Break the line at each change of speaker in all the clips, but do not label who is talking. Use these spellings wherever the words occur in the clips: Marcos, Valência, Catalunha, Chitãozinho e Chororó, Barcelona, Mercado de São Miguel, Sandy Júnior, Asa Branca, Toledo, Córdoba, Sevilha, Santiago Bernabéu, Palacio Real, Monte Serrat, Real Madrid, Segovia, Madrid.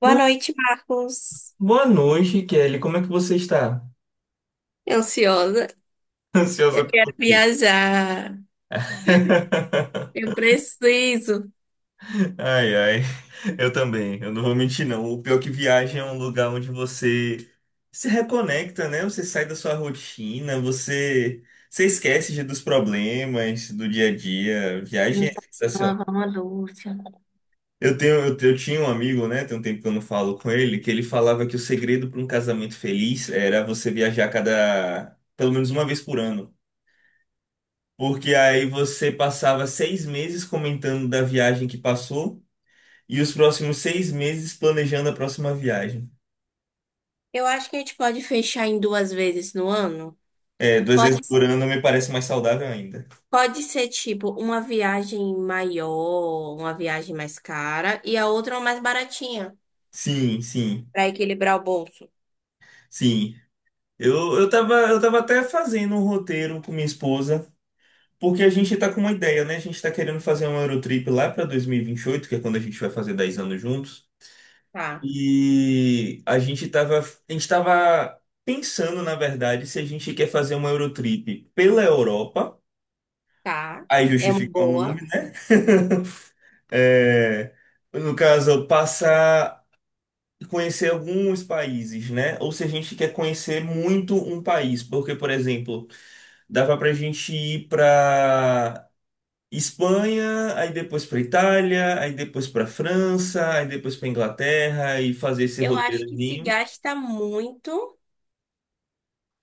Boa
Bo-
noite, Marcos.
Boa noite, Kelly. Como é que você está?
Ansiosa. Eu
Ansiosa
quero
por quê?
viajar. Eu preciso.
Ai, ai. Eu também. Eu não vou mentir, não. O pior é que viagem é um lugar onde você se reconecta, né? Você sai da sua rotina, você esquece dos problemas do dia a dia.
Eu
Viagem
não
é
sabia
sensacional.
lavar uma louça.
Eu tinha um amigo, né? Tem um tempo que eu não falo com ele, que ele falava que o segredo para um casamento feliz era você viajar cada, pelo menos uma vez por ano. Porque aí você passava 6 meses comentando da viagem que passou e os próximos 6 meses planejando a próxima viagem.
Eu acho que a gente pode fechar em duas vezes no ano.
É, 2 vezes
Pode
por
ser,
ano me parece mais saudável ainda.
pode ser tipo uma viagem maior, uma viagem mais cara e a outra é uma mais baratinha,
Sim, sim,
para equilibrar o bolso.
sim. Eu tava até fazendo um roteiro com minha esposa, porque a gente tá com uma ideia, né? A gente tá querendo fazer um Eurotrip lá pra 2028, que é quando a gente vai fazer 10 anos juntos.
Tá,
E a gente tava pensando, na verdade, se a gente quer fazer uma Eurotrip pela Europa.
tá.
Aí
É uma
justifica o nome,
boa.
né? É, no caso, passar a conhecer alguns países, né? Ou se a gente quer conhecer muito um país, porque, por exemplo, dava pra gente ir pra Espanha, aí depois pra Itália, aí depois pra França, aí depois pra Inglaterra e fazer esse
Eu
roteiro.
acho que se gasta muito,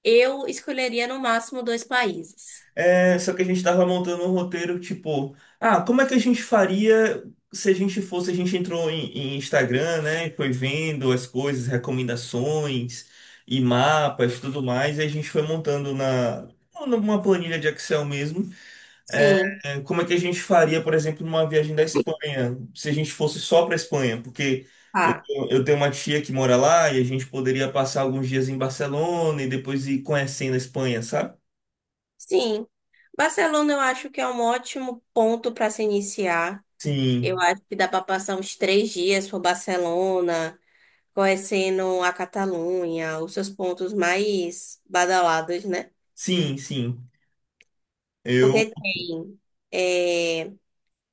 eu escolheria no máximo dois países.
É, só que a gente tava montando um roteiro, tipo, ah, como é que a gente faria se a gente fosse, a gente entrou em Instagram, né? E foi vendo as coisas, recomendações e mapas, tudo mais, e a gente foi montando na numa planilha de Excel mesmo. é,
Sim,
como é que a gente faria, por exemplo, numa viagem da Espanha, se a gente fosse só para Espanha, porque eu,
tá.
eu tenho uma tia que mora lá e a gente poderia passar alguns dias em Barcelona e depois ir conhecendo a Espanha, sabe?
Sim, Barcelona eu acho que é um ótimo ponto para se iniciar. Eu
Sim.
acho que dá para passar uns 3 dias por Barcelona, conhecendo a Catalunha, os seus pontos mais badalados, né?
Sim, sim. Eu.
Porque tem eh,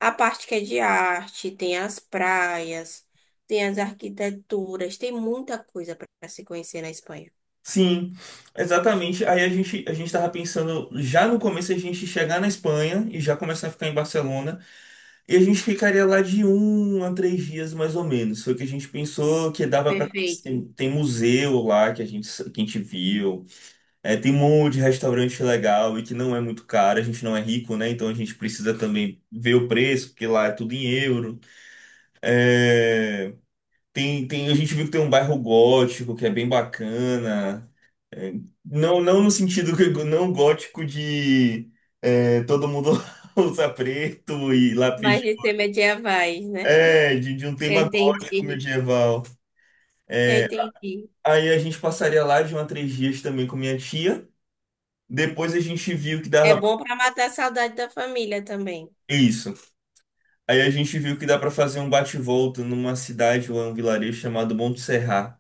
a parte que é de arte, tem as praias, tem as arquiteturas, tem muita coisa para se conhecer na Espanha.
Sim, exatamente. Aí a gente tava pensando já no começo a gente chegar na Espanha e já começar a ficar em Barcelona. E a gente ficaria lá de 1 a 3 dias mais ou menos. Foi o que a gente pensou que dava para
Perfeito.
conhecer. Tem museu lá que a gente viu. É, tem um monte de restaurante legal e que não é muito caro. A gente não é rico, né? Então a gente precisa também ver o preço, porque lá é tudo em euro. É. Tem, a gente viu que tem um bairro gótico que é bem bacana. Não, não no sentido que não gótico de todo mundo usa preto e lápis.
Mas de ser medievais, né?
É, de um
Eu
tema gótico
entendi.
medieval.
Eu entendi.
Aí a gente passaria lá de uma 3 dias também com minha tia. Depois a gente viu que
É
dava.
bom para matar a saudade da família também.
Isso. Aí a gente viu que dá pra fazer um bate-volta numa cidade ou um vilarejo chamado Monte Serrat.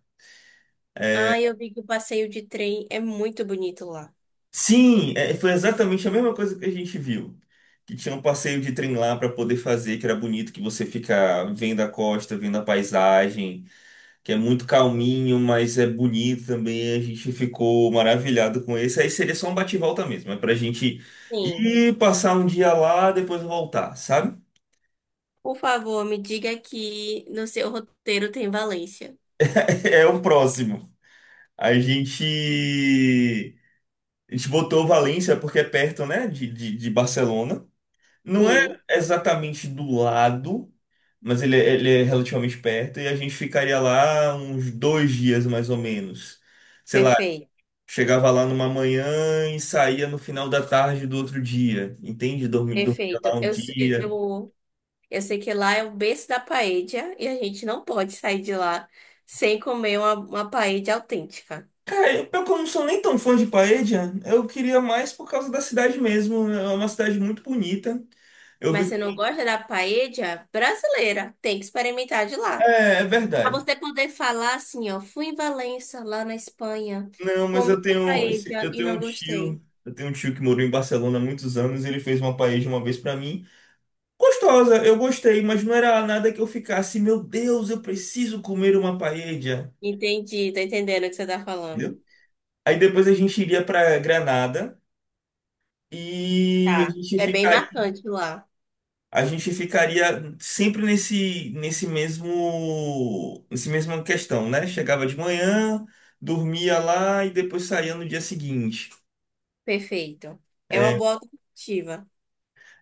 Ah, eu vi que o passeio de trem é muito bonito lá.
Sim, é, foi exatamente a mesma coisa que a gente viu. Que tinha um passeio de trem lá para poder fazer, que era bonito, que você fica vendo a costa, vendo a paisagem, que é muito calminho, mas é bonito também. A gente ficou maravilhado com esse. Aí seria só um bate-volta mesmo, é pra gente
Sim.
ir passar um dia lá, depois voltar, sabe?
Por favor, me diga que no seu roteiro tem Valência.
É o próximo. A gente, a gente botou Valência porque é perto, né, de Barcelona. Não é
Sim,
exatamente do lado. Mas ele é relativamente perto e a gente ficaria lá uns 2 dias mais ou menos. Sei lá,
perfeito.
chegava lá numa manhã e saía no final da tarde do outro dia, entende? Dormia
Perfeito.
lá um dia.
Eu, eu sei que lá é o berço da paella e a gente não pode sair de lá sem comer uma paella autêntica.
Cara, pior que eu não sou nem tão fã de Paella, eu queria mais por causa da cidade mesmo. É uma cidade muito bonita. Eu
Mas
vi.
se não gosta da paella brasileira, tem que experimentar de lá.
É, é
Para
verdade.
você poder falar assim, ó, fui em Valença, lá na Espanha,
Não, mas
comi paella e não gostei.
eu tenho um tio que morou em Barcelona há muitos anos, e ele fez uma paella uma vez pra mim. Gostosa, eu gostei, mas não era nada que eu ficasse, meu Deus, eu preciso comer uma paella,
Entendi, tô entendendo o que você tá falando.
entendeu? Aí depois a gente iria para Granada e a
Tá.
gente
É bem
ficaria,
marcante lá.
a gente ficaria sempre nesse, nesse mesma questão, né? Chegava de manhã, dormia lá e depois saía no dia seguinte.
Perfeito. É uma
É,
boa alternativa.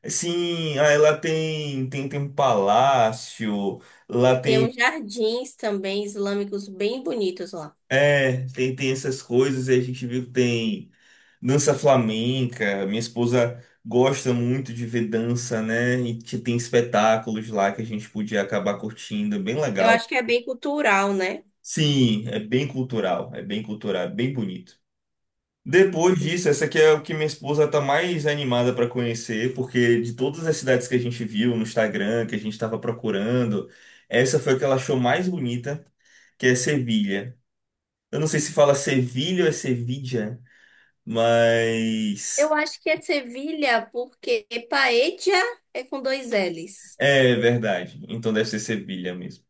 sim, aí lá tem um palácio, lá
Tem
tem,
uns jardins também islâmicos bem bonitos lá.
é, tem, tem essas coisas, e a gente viu que tem dança flamenca, minha esposa gosta muito de ver dança, né? E tem espetáculos lá que a gente podia acabar curtindo, é bem
Eu
legal.
acho que é bem cultural, né?
Sim, é bem cultural, é bem cultural, é bem bonito. Depois disso, essa aqui é o que minha esposa está mais animada para conhecer, porque de todas as cidades que a gente viu no Instagram, que a gente estava procurando, essa foi a que ela achou mais bonita, que é Sevilha. Eu não sei se fala Sevilha ou é Sevilha,
Eu
mas.
acho que é Sevilha, porque Paella é com dois L's.
É verdade. Então deve ser Sevilha mesmo.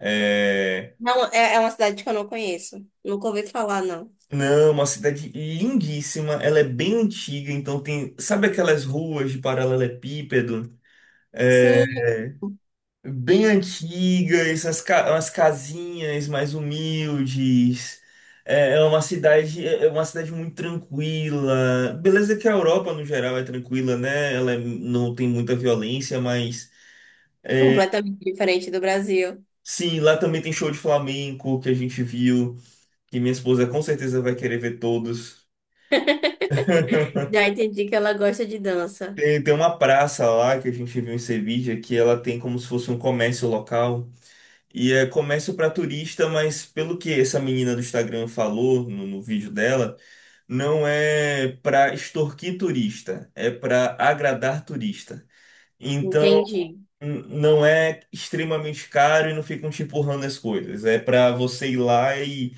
É.
Não, é é uma cidade que eu não conheço. Nunca ouvi falar, não.
Não, uma cidade lindíssima. Ela é bem antiga, então tem. Sabe aquelas ruas de paralelepípedo? É,
Sim,
bem antigas, as casinhas mais humildes. É uma cidade muito tranquila. Beleza que a Europa, no geral, é tranquila, né? Ela não tem muita violência, mas
completamente diferente do Brasil.
sim, lá também tem show de flamenco que a gente viu, que minha esposa com certeza vai querer ver todos.
Já entendi que ela gosta de dança.
Tem uma praça lá que a gente viu em Sevilha que ela tem como se fosse um comércio local. E é comércio para turista, mas pelo que essa menina do Instagram falou no vídeo dela, não é para extorquir turista, é para agradar turista. Então,
Entendi.
não é extremamente caro e não ficam te empurrando as coisas. É para você ir lá e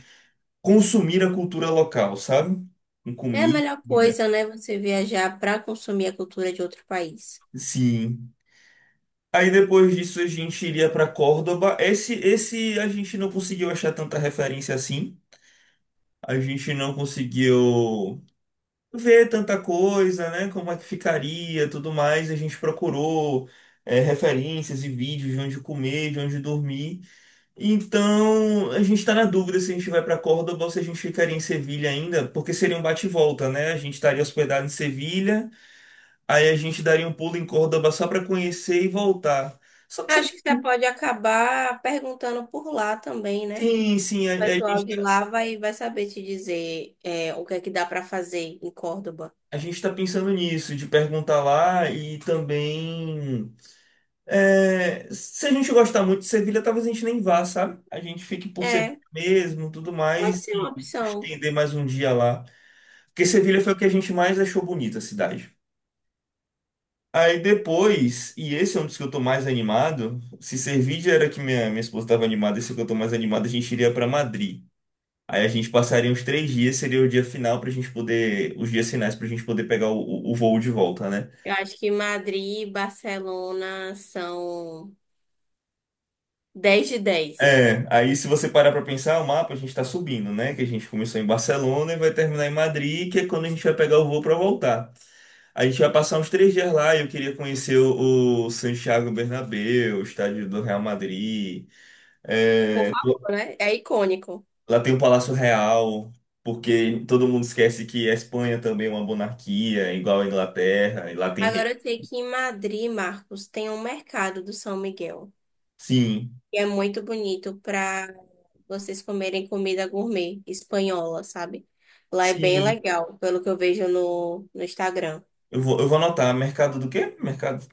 consumir a cultura local, sabe? Com
É a
comida.
melhor coisa, né? Você viajar para consumir a cultura de outro país.
Sim. Aí depois disso a gente iria para Córdoba. Esse a gente não conseguiu achar tanta referência assim. A gente não conseguiu ver tanta coisa, né? Como é que ficaria, tudo mais. A gente procurou referências e vídeos de onde comer, de onde dormir. Então a gente está na dúvida se a gente vai para Córdoba ou se a gente ficaria em Sevilha ainda, porque seria um bate e volta, né? A gente estaria hospedado em Sevilha, aí a gente daria um pulo em Córdoba só para conhecer e voltar. Só que se a
Acho que você
gente.
pode acabar perguntando por lá também, né?
Sim, sim. a,
O
a
pessoal
gente,
de lá vai saber te dizer o que é que dá para fazer em Córdoba.
a gente tá pensando nisso, de perguntar lá e também. Se a gente gostar muito de Sevilha, talvez a gente nem vá, sabe? A gente fique por Sevilha
É,
mesmo, tudo mais,
pode ser uma
e
opção.
estender mais um dia lá. Porque Sevilha foi o que a gente mais achou bonita a cidade. Aí depois, e esse é um dos que eu tô mais animado, se Sevilha era que minha esposa estava animada, esse é o que eu tô mais animado, a gente iria para Madrid. Aí a gente passaria uns 3 dias, seria o dia final pra gente poder, os dias finais pra gente poder pegar o voo de volta, né?
Eu acho que Madrid e Barcelona são 10 de 10.
É, aí se você parar pra pensar, o mapa a gente tá subindo, né? Que a gente começou em Barcelona e vai terminar em Madrid, que é quando a gente vai pegar o voo pra voltar. A gente vai passar uns 3 dias lá e eu queria conhecer o Santiago Bernabéu, o estádio do Real Madrid.
Por favor, né? É icônico.
Lá tem o Palácio Real, porque todo mundo esquece que a Espanha também é uma monarquia, igual a Inglaterra, e lá tem rei.
Agora eu sei que em Madrid, Marcos, tem um mercado do São Miguel,
Sim,
que é muito bonito para vocês comerem comida gourmet espanhola, sabe? Lá é bem
sim.
legal, pelo que eu vejo no Instagram.
Eu vou anotar. Mercado do quê? Mercado.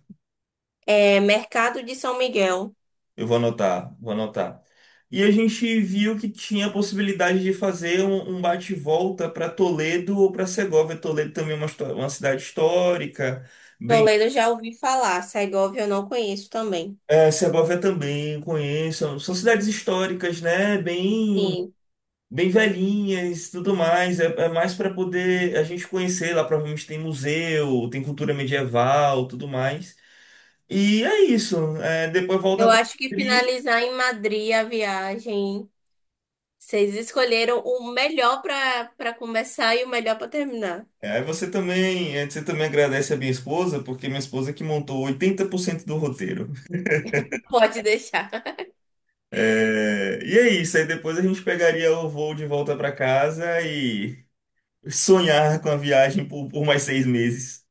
É Mercado de São Miguel.
Eu vou anotar, vou anotar. E a gente viu que tinha a possibilidade de fazer um bate-volta para Toledo ou para Segóvia. Toledo também é uma cidade histórica. Bem,
Toledo eu já ouvi falar, Segovia eu não conheço também.
Segóvia também conheço. São cidades históricas, né? Bem,
Sim,
bem velhinhas, e tudo mais. É mais para poder a gente conhecer. Lá provavelmente tem museu, tem cultura medieval, tudo mais. E é isso. É, depois
eu
volta para.
acho que finalizar em Madrid a viagem, vocês escolheram o melhor para começar e o melhor para terminar.
É, aí você também agradece a minha esposa, porque minha esposa é que montou 80% do roteiro.
Pode deixar.
É, e é isso, aí depois a gente pegaria o voo de volta para casa e sonhar com a viagem por mais 6 meses.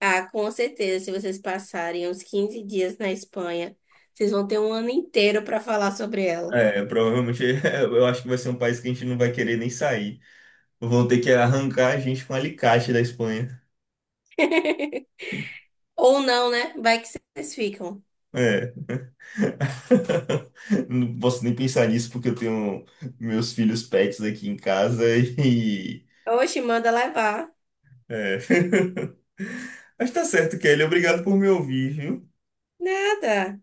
Ah, com certeza, se vocês passarem uns 15 dias na Espanha, vocês vão ter um ano inteiro para falar sobre ela.
É, provavelmente eu acho que vai ser um país que a gente não vai querer nem sair. Vão ter que arrancar a gente com alicate da Espanha.
Ou não, né? Vai que vocês ficam.
É. Não posso nem pensar nisso porque eu tenho meus filhos pets aqui em casa e.
Oxe, manda levar.
É. Mas tá certo, Kelly. Obrigado por me ouvir, viu?
Nada.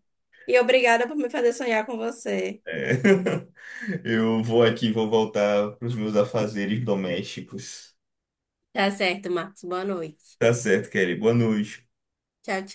E obrigada por me fazer sonhar com você.
É. Eu vou aqui, vou voltar para os meus afazeres domésticos.
Tá certo, Marcos. Boa noite.
Tá certo, Kelly. Boa noite.
Tchau, tchau.